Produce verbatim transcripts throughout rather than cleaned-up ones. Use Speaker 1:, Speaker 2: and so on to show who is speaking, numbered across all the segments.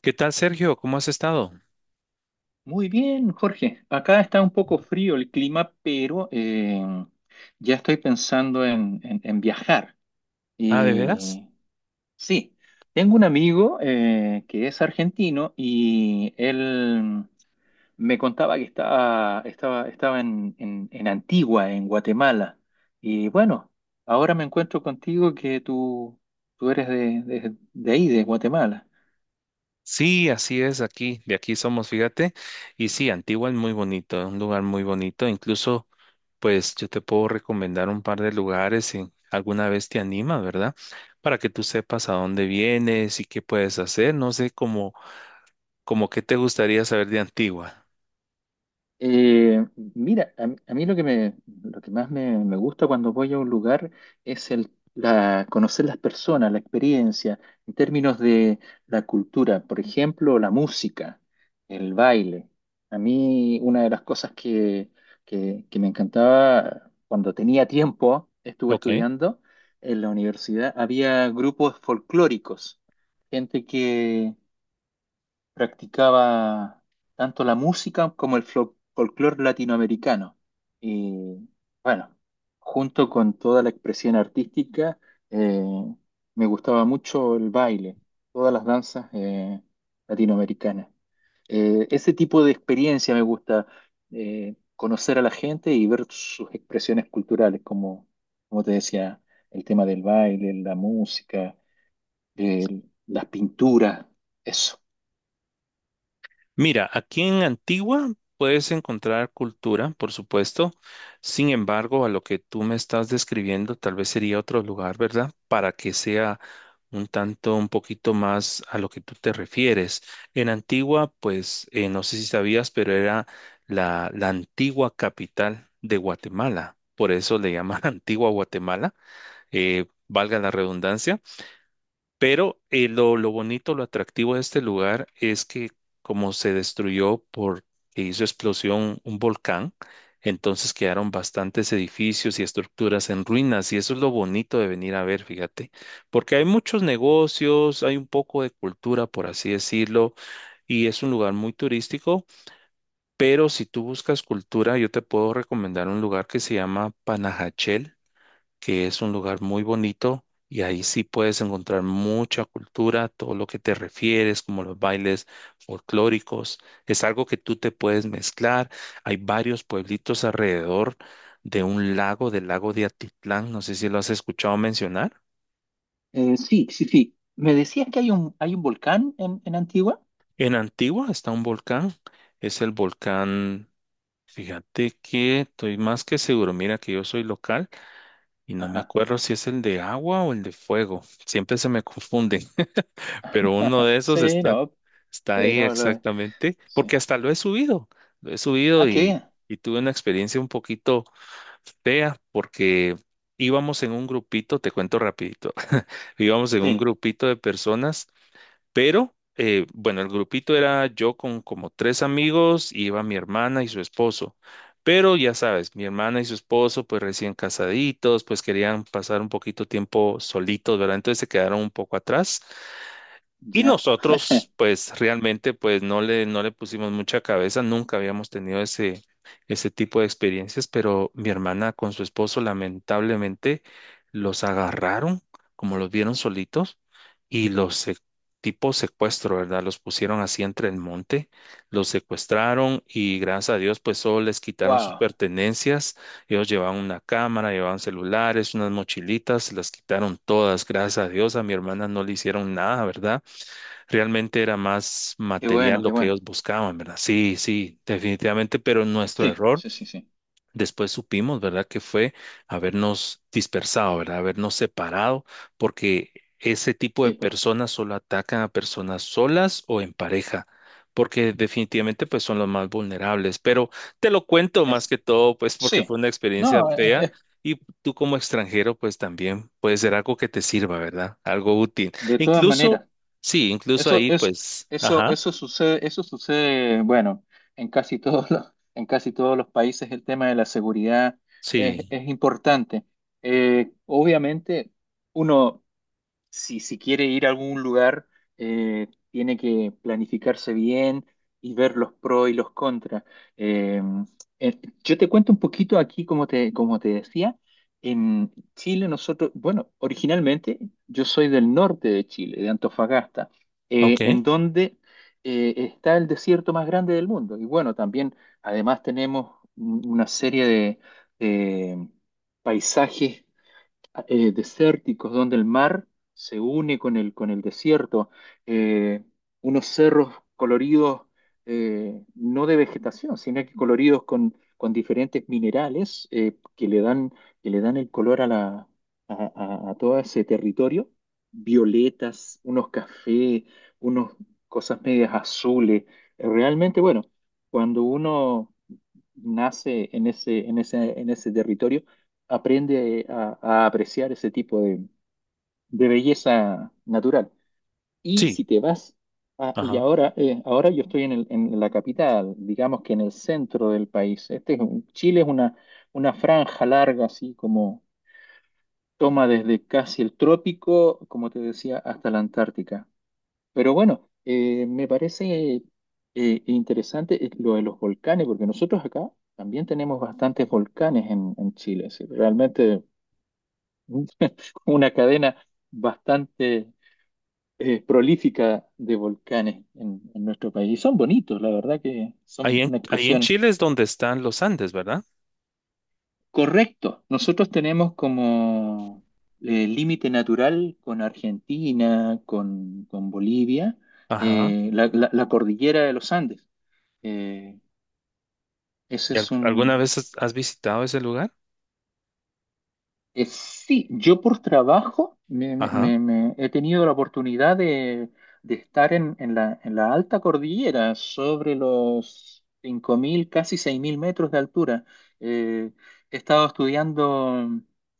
Speaker 1: ¿Qué tal, Sergio? ¿Cómo has estado?
Speaker 2: Muy bien, Jorge. Acá está un poco frío el clima, pero eh, ya estoy pensando en, en- en viajar.
Speaker 1: Ah, ¿de veras?
Speaker 2: Y sí, tengo un amigo eh, que es argentino y él me contaba que estaba, estaba, estaba en, en- en Antigua, en Guatemala. Y bueno, ahora me encuentro contigo que tú, tú eres de, de de ahí, de Guatemala.
Speaker 1: Sí, así es aquí, de aquí somos, fíjate. Y sí, Antigua es muy bonito, es un lugar muy bonito. Incluso, pues yo te puedo recomendar un par de lugares si alguna vez te anima, ¿verdad? Para que tú sepas a dónde vienes y qué puedes hacer. No sé cómo, como qué te gustaría saber de Antigua.
Speaker 2: Eh, mira, a, mí a mí lo que me, lo que más me, me gusta cuando voy a un lugar es el, la, conocer las personas, la experiencia, en términos de la cultura, por ejemplo, la música, el baile. A mí una de las cosas que, que, que me encantaba cuando tenía tiempo, estuve
Speaker 1: Ok.
Speaker 2: estudiando en la universidad, había grupos folclóricos, gente practicaba tanto la música como el folclore latinoamericano. Y bueno, junto con toda la expresión artística, eh, me gustaba mucho el baile, todas las danzas eh, latinoamericanas. Eh, ese tipo de experiencia me gusta, eh, conocer a la gente y ver sus expresiones culturales, como, como te decía, el tema del baile, la música, el- las pinturas, eso.
Speaker 1: Mira, aquí en Antigua puedes encontrar cultura, por supuesto. Sin embargo, a lo que tú me estás describiendo, tal vez sería otro lugar, ¿verdad? Para que sea un tanto, un poquito más a lo que tú te refieres. En Antigua, pues, eh, no sé si sabías, pero era la, la antigua capital de Guatemala. Por eso le llaman Antigua Guatemala, eh, valga la redundancia. Pero eh, lo, lo bonito, lo atractivo de este lugar es que como se destruyó por que hizo explosión un volcán, entonces quedaron bastantes edificios y estructuras en ruinas y eso es lo bonito de venir a ver, fíjate, porque hay muchos negocios, hay un poco de cultura, por así decirlo, y es un lugar muy turístico, pero si tú buscas cultura, yo te puedo recomendar un lugar que se llama Panajachel que es un lugar muy bonito y ahí sí puedes encontrar mucha cultura, todo lo que te refieres, como los bailes folclóricos. Es algo que tú te puedes mezclar. Hay varios pueblitos alrededor de un lago, del lago de Atitlán. No sé si lo has escuchado mencionar.
Speaker 2: Eh, sí, sí, sí. Me decías que hay un, hay un volcán en, en Antigua.
Speaker 1: En Antigua está un volcán. Es el volcán. Fíjate que estoy más que seguro, mira que yo soy local y no me
Speaker 2: Ajá.
Speaker 1: acuerdo si es el de agua o el de fuego, siempre se me confunden pero uno de esos
Speaker 2: Sí,
Speaker 1: está.
Speaker 2: no,
Speaker 1: Está
Speaker 2: sí,
Speaker 1: ahí
Speaker 2: no, lo-
Speaker 1: exactamente,
Speaker 2: sí.
Speaker 1: porque hasta lo he subido, lo he subido
Speaker 2: ¿Ah, qué?
Speaker 1: y,
Speaker 2: Bien.
Speaker 1: y tuve una experiencia un poquito fea porque íbamos en un grupito, te cuento rapidito, íbamos en un
Speaker 2: Sí,
Speaker 1: grupito de personas, pero eh, bueno, el grupito era yo con como tres amigos, y iba mi hermana y su esposo, pero ya sabes, mi hermana y su esposo pues recién casaditos, pues querían pasar un poquito tiempo solitos, ¿verdad? Entonces se quedaron un poco atrás. Y
Speaker 2: ya.
Speaker 1: nosotros, pues realmente, pues no le, no le pusimos mucha cabeza, nunca habíamos tenido ese, ese tipo de experiencias, pero mi hermana con su esposo lamentablemente los agarraron, como los vieron solitos, y los se- tipo secuestro, ¿verdad? Los pusieron así entre el monte, los secuestraron y gracias a Dios, pues solo les quitaron sus
Speaker 2: Wow,
Speaker 1: pertenencias, ellos llevaban una cámara, llevaban celulares, unas mochilitas, se las quitaron todas, gracias a Dios, a mi hermana no le hicieron nada, ¿verdad? Realmente era más
Speaker 2: qué
Speaker 1: material
Speaker 2: bueno, qué
Speaker 1: lo que
Speaker 2: bueno.
Speaker 1: ellos buscaban, ¿verdad? Sí, sí, definitivamente, pero nuestro
Speaker 2: Sí,
Speaker 1: error.
Speaker 2: sí, sí, sí.
Speaker 1: Después supimos, ¿verdad?, que fue habernos dispersado, ¿verdad?, habernos separado, porque ese tipo de
Speaker 2: Sí, pues,
Speaker 1: personas solo atacan a personas solas o en pareja, porque definitivamente pues son los más vulnerables. Pero te lo cuento más
Speaker 2: es.
Speaker 1: que todo, pues porque
Speaker 2: Sí.
Speaker 1: fue una experiencia
Speaker 2: No, eh, eh,
Speaker 1: fea
Speaker 2: eh,
Speaker 1: y tú como extranjero pues también puede ser algo que te sirva, ¿verdad? Algo útil.
Speaker 2: de todas
Speaker 1: Incluso,
Speaker 2: maneras.
Speaker 1: sí, incluso
Speaker 2: Eso,
Speaker 1: ahí
Speaker 2: es,
Speaker 1: pues,
Speaker 2: eso,
Speaker 1: ajá,
Speaker 2: eso sucede, Eso sucede, bueno, en casi todos los, en casi todos los países el tema de la seguridad es,
Speaker 1: sí,
Speaker 2: es importante. Eh, obviamente, uno, si, si quiere ir a algún lugar, eh, tiene que planificarse bien y ver los pros y los contras. Eh, eh, yo te cuento un poquito aquí, como te, como te decía, en Chile nosotros, bueno, originalmente yo soy del norte de Chile, de Antofagasta,
Speaker 1: ok,
Speaker 2: eh, en donde eh, está el desierto más grande del mundo. Y bueno, también, además tenemos un- una serie de de paisajes eh, desérticos donde el mar se une con el, con el desierto, eh, unos cerros coloridos eh, no de vegetación, sino que coloridos con, con diferentes minerales eh, que le dan, que le dan el color a, la, a, a- a todo ese territorio, violetas, unos cafés, unas cosas medias azules. Eh, Realmente, bueno, cuando uno nace en ese, en ese, en ese territorio, aprende a, a apreciar ese tipo de, de belleza natural. Y
Speaker 1: sí,
Speaker 2: si te vas, a- y
Speaker 1: ajá.
Speaker 2: ahora, eh, ahora yo estoy en, el- en la capital, digamos que en el centro del país. Este es un- Chile es una, una franja larga, así como toma desde casi el trópico, como te decía, hasta la Antártica. Pero bueno, eh, me parece eh, interesante eh, lo de los volcanes, porque nosotros acá también tenemos bastantes volcanes en, en Chile. Sí, realmente una cadena bastante eh, prolífica de volcanes en, en nuestro país. Y son bonitos, la verdad que
Speaker 1: Ahí
Speaker 2: son
Speaker 1: en,
Speaker 2: una
Speaker 1: ahí en
Speaker 2: expresión.
Speaker 1: Chile es donde están los Andes, ¿verdad?
Speaker 2: Correcta. Nosotros tenemos como eh, límite natural con Argentina, con, con Bolivia,
Speaker 1: Ajá.
Speaker 2: eh, la, la- la cordillera de los Andes. Eh, ese
Speaker 1: ¿Y al-
Speaker 2: es
Speaker 1: alguna
Speaker 2: un,
Speaker 1: vez has has visitado ese lugar?
Speaker 2: Eh, sí, yo por trabajo me, me-
Speaker 1: Ajá.
Speaker 2: me- me he tenido la oportunidad de, de estar en, en la, en la alta cordillera, sobre los cinco mil, casi seis mil metros de altura. Eh, he estado estudiando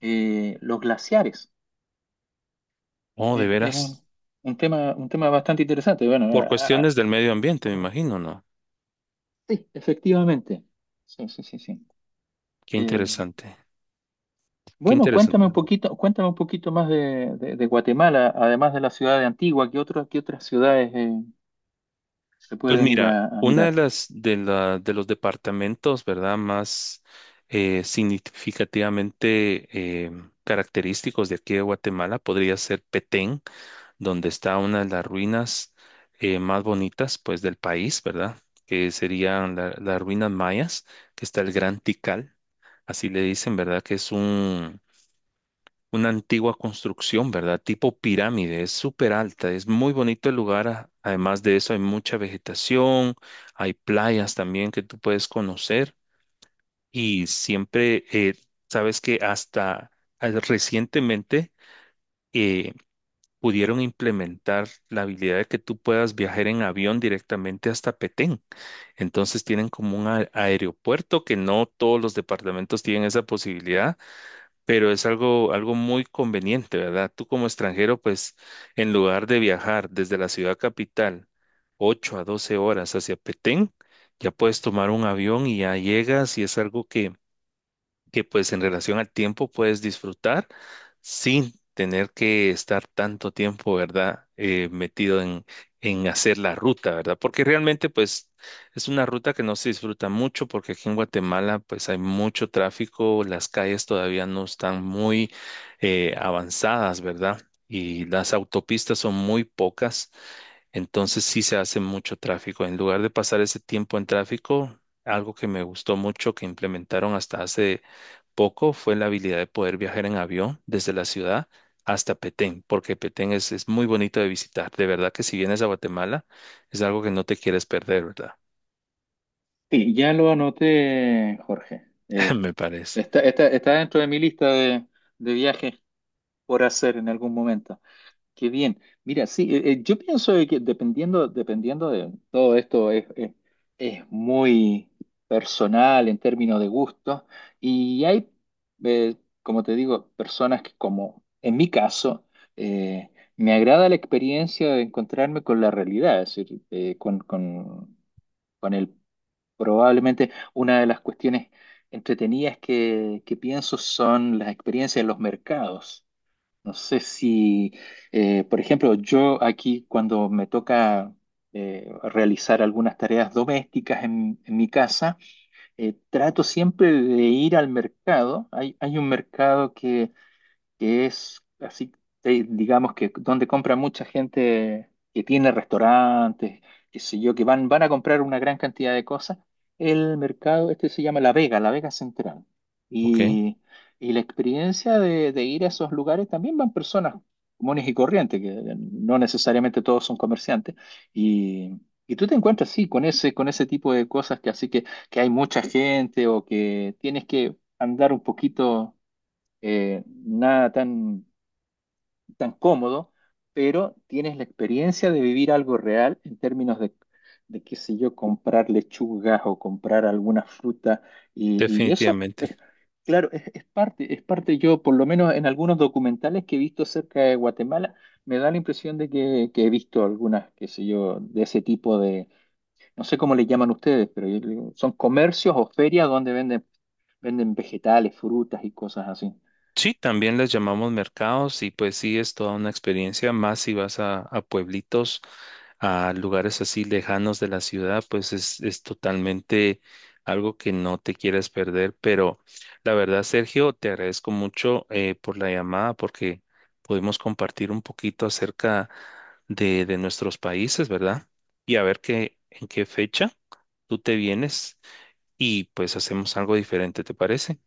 Speaker 2: eh, los glaciares.
Speaker 1: Oh, de
Speaker 2: Es, es un,
Speaker 1: veras.
Speaker 2: un tema, un tema bastante interesante. Bueno,
Speaker 1: Por
Speaker 2: a- a-
Speaker 1: cuestiones del medio ambiente, me imagino, ¿no?
Speaker 2: sí, efectivamente. Sí, sí, sí, sí.
Speaker 1: Qué
Speaker 2: Eh,
Speaker 1: interesante. Qué
Speaker 2: Bueno,
Speaker 1: interesante.
Speaker 2: cuéntame un poquito, cuéntame un poquito más de, de- de Guatemala, además de la ciudad de Antigua, ¿qué otras, qué otras ciudades eh, se
Speaker 1: Pues
Speaker 2: pueden ir
Speaker 1: mira,
Speaker 2: a, a
Speaker 1: una de
Speaker 2: mirar?
Speaker 1: las de la, de los departamentos, ¿verdad? Más eh, significativamente eh, característicos de aquí de Guatemala podría ser Petén, donde está una de las ruinas eh, más bonitas, pues, del país, ¿verdad? Que serían la- las ruinas mayas, que está el Gran Tikal, así le dicen, ¿verdad? Que es un, una antigua construcción, ¿verdad? Tipo pirámide, es súper alta, es muy bonito el lugar. a- Además de eso, hay mucha vegetación, hay playas también que tú puedes conocer y siempre, eh, sabes que hasta eh, recientemente, eh, pudieron implementar la habilidad de que tú puedas viajar en avión directamente hasta Petén. Entonces tienen como un a- aeropuerto que no todos los departamentos tienen esa posibilidad, pero es algo, algo muy conveniente, ¿verdad? Tú como extranjero, pues en lugar de viajar desde la ciudad capital ocho a doce horas hacia Petén, ya puedes tomar un avión y ya llegas y es algo que que pues en relación al tiempo puedes disfrutar sin tener que estar tanto tiempo, ¿verdad? Eh, metido en, en hacer la ruta, ¿verdad? Porque realmente pues es una ruta que no se disfruta mucho porque aquí en Guatemala pues hay mucho tráfico, las calles todavía no están muy eh, avanzadas, ¿verdad? Y las autopistas son muy pocas, entonces sí se hace mucho tráfico. En lugar de pasar ese tiempo en tráfico, algo que me gustó mucho que implementaron hasta hace poco fue la habilidad de poder viajar en avión desde la ciudad hasta Petén, porque Petén es, es muy bonito de visitar. De verdad que si vienes a Guatemala, es algo que no te quieres perder, ¿verdad?
Speaker 2: Sí, ya lo anoté, Jorge. Eh,
Speaker 1: Me parece.
Speaker 2: está, está- está dentro de mi lista de, de viajes por hacer en algún momento. Qué bien. Mira, sí, eh, eh, yo pienso de que dependiendo, dependiendo de todo esto es, es- es muy personal en términos de gustos y hay, eh, como te digo, personas que como en mi caso, eh, me agrada la experiencia de encontrarme con la realidad, es decir, eh, con, con, con el, probablemente una de las cuestiones entretenidas que, que pienso son las experiencias en los mercados. No sé si, eh, por ejemplo, yo aquí cuando me toca eh, realizar algunas tareas domésticas en, en mi casa, eh, trato siempre de ir al mercado. Hay, hay un mercado que que es así, eh, digamos que donde compra mucha gente que tiene restaurantes, qué sé yo, que van, van a comprar una gran cantidad de cosas. El mercado, este se llama La Vega, La Vega Central.
Speaker 1: Ok,
Speaker 2: Y, y la experiencia de, de ir a esos lugares también van personas comunes y corrientes, que no necesariamente todos son comerciantes. Y, y tú te encuentras, sí, con ese, con ese tipo de cosas que así que, que hay mucha gente o que tienes que andar un poquito eh, nada tan, tan cómodo, pero tienes la experiencia de vivir algo real en términos de, de qué sé yo, comprar lechugas o comprar alguna fruta. Y, y eso, es,
Speaker 1: definitivamente.
Speaker 2: claro, es, es parte, es parte, yo por lo menos en algunos documentales que he visto acerca de Guatemala, me da la impresión de que, que he visto algunas, qué sé yo, de ese tipo de, no sé cómo le llaman ustedes, pero yo le digo, son comercios o ferias donde venden, venden vegetales, frutas y cosas así.
Speaker 1: Sí, también les llamamos mercados y pues sí, es toda una experiencia más si vas a, a pueblitos, a lugares así lejanos de la ciudad, pues es, es totalmente algo que no te quieres perder. Pero la verdad, Sergio, te agradezco mucho eh, por la llamada porque pudimos compartir un poquito acerca de, de nuestros países, ¿verdad? Y a ver qué, en qué fecha tú te vienes y pues hacemos algo diferente, ¿te parece?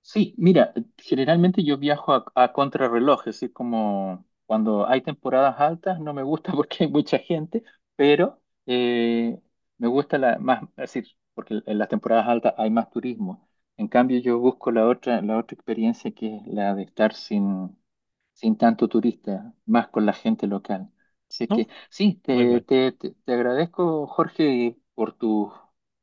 Speaker 2: Sí, mira, generalmente yo viajo a, a contrarreloj, es decir, como cuando hay temporadas altas no me gusta porque hay mucha gente, pero eh, me gusta la más, es decir, porque en las temporadas altas hay más turismo. En cambio, yo busco la otra, la otra experiencia que es la de estar sin sin tanto turista, más con la gente local. Así que
Speaker 1: No,
Speaker 2: sí,
Speaker 1: muy
Speaker 2: te,
Speaker 1: bien.
Speaker 2: te, te, te agradezco, Jorge, y por tu,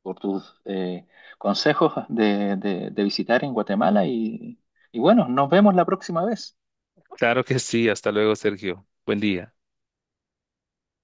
Speaker 2: por tus eh, consejos de, de, de visitar en Guatemala y, y bueno, nos vemos la próxima vez.
Speaker 1: Claro que sí. Hasta luego, Sergio. Buen día.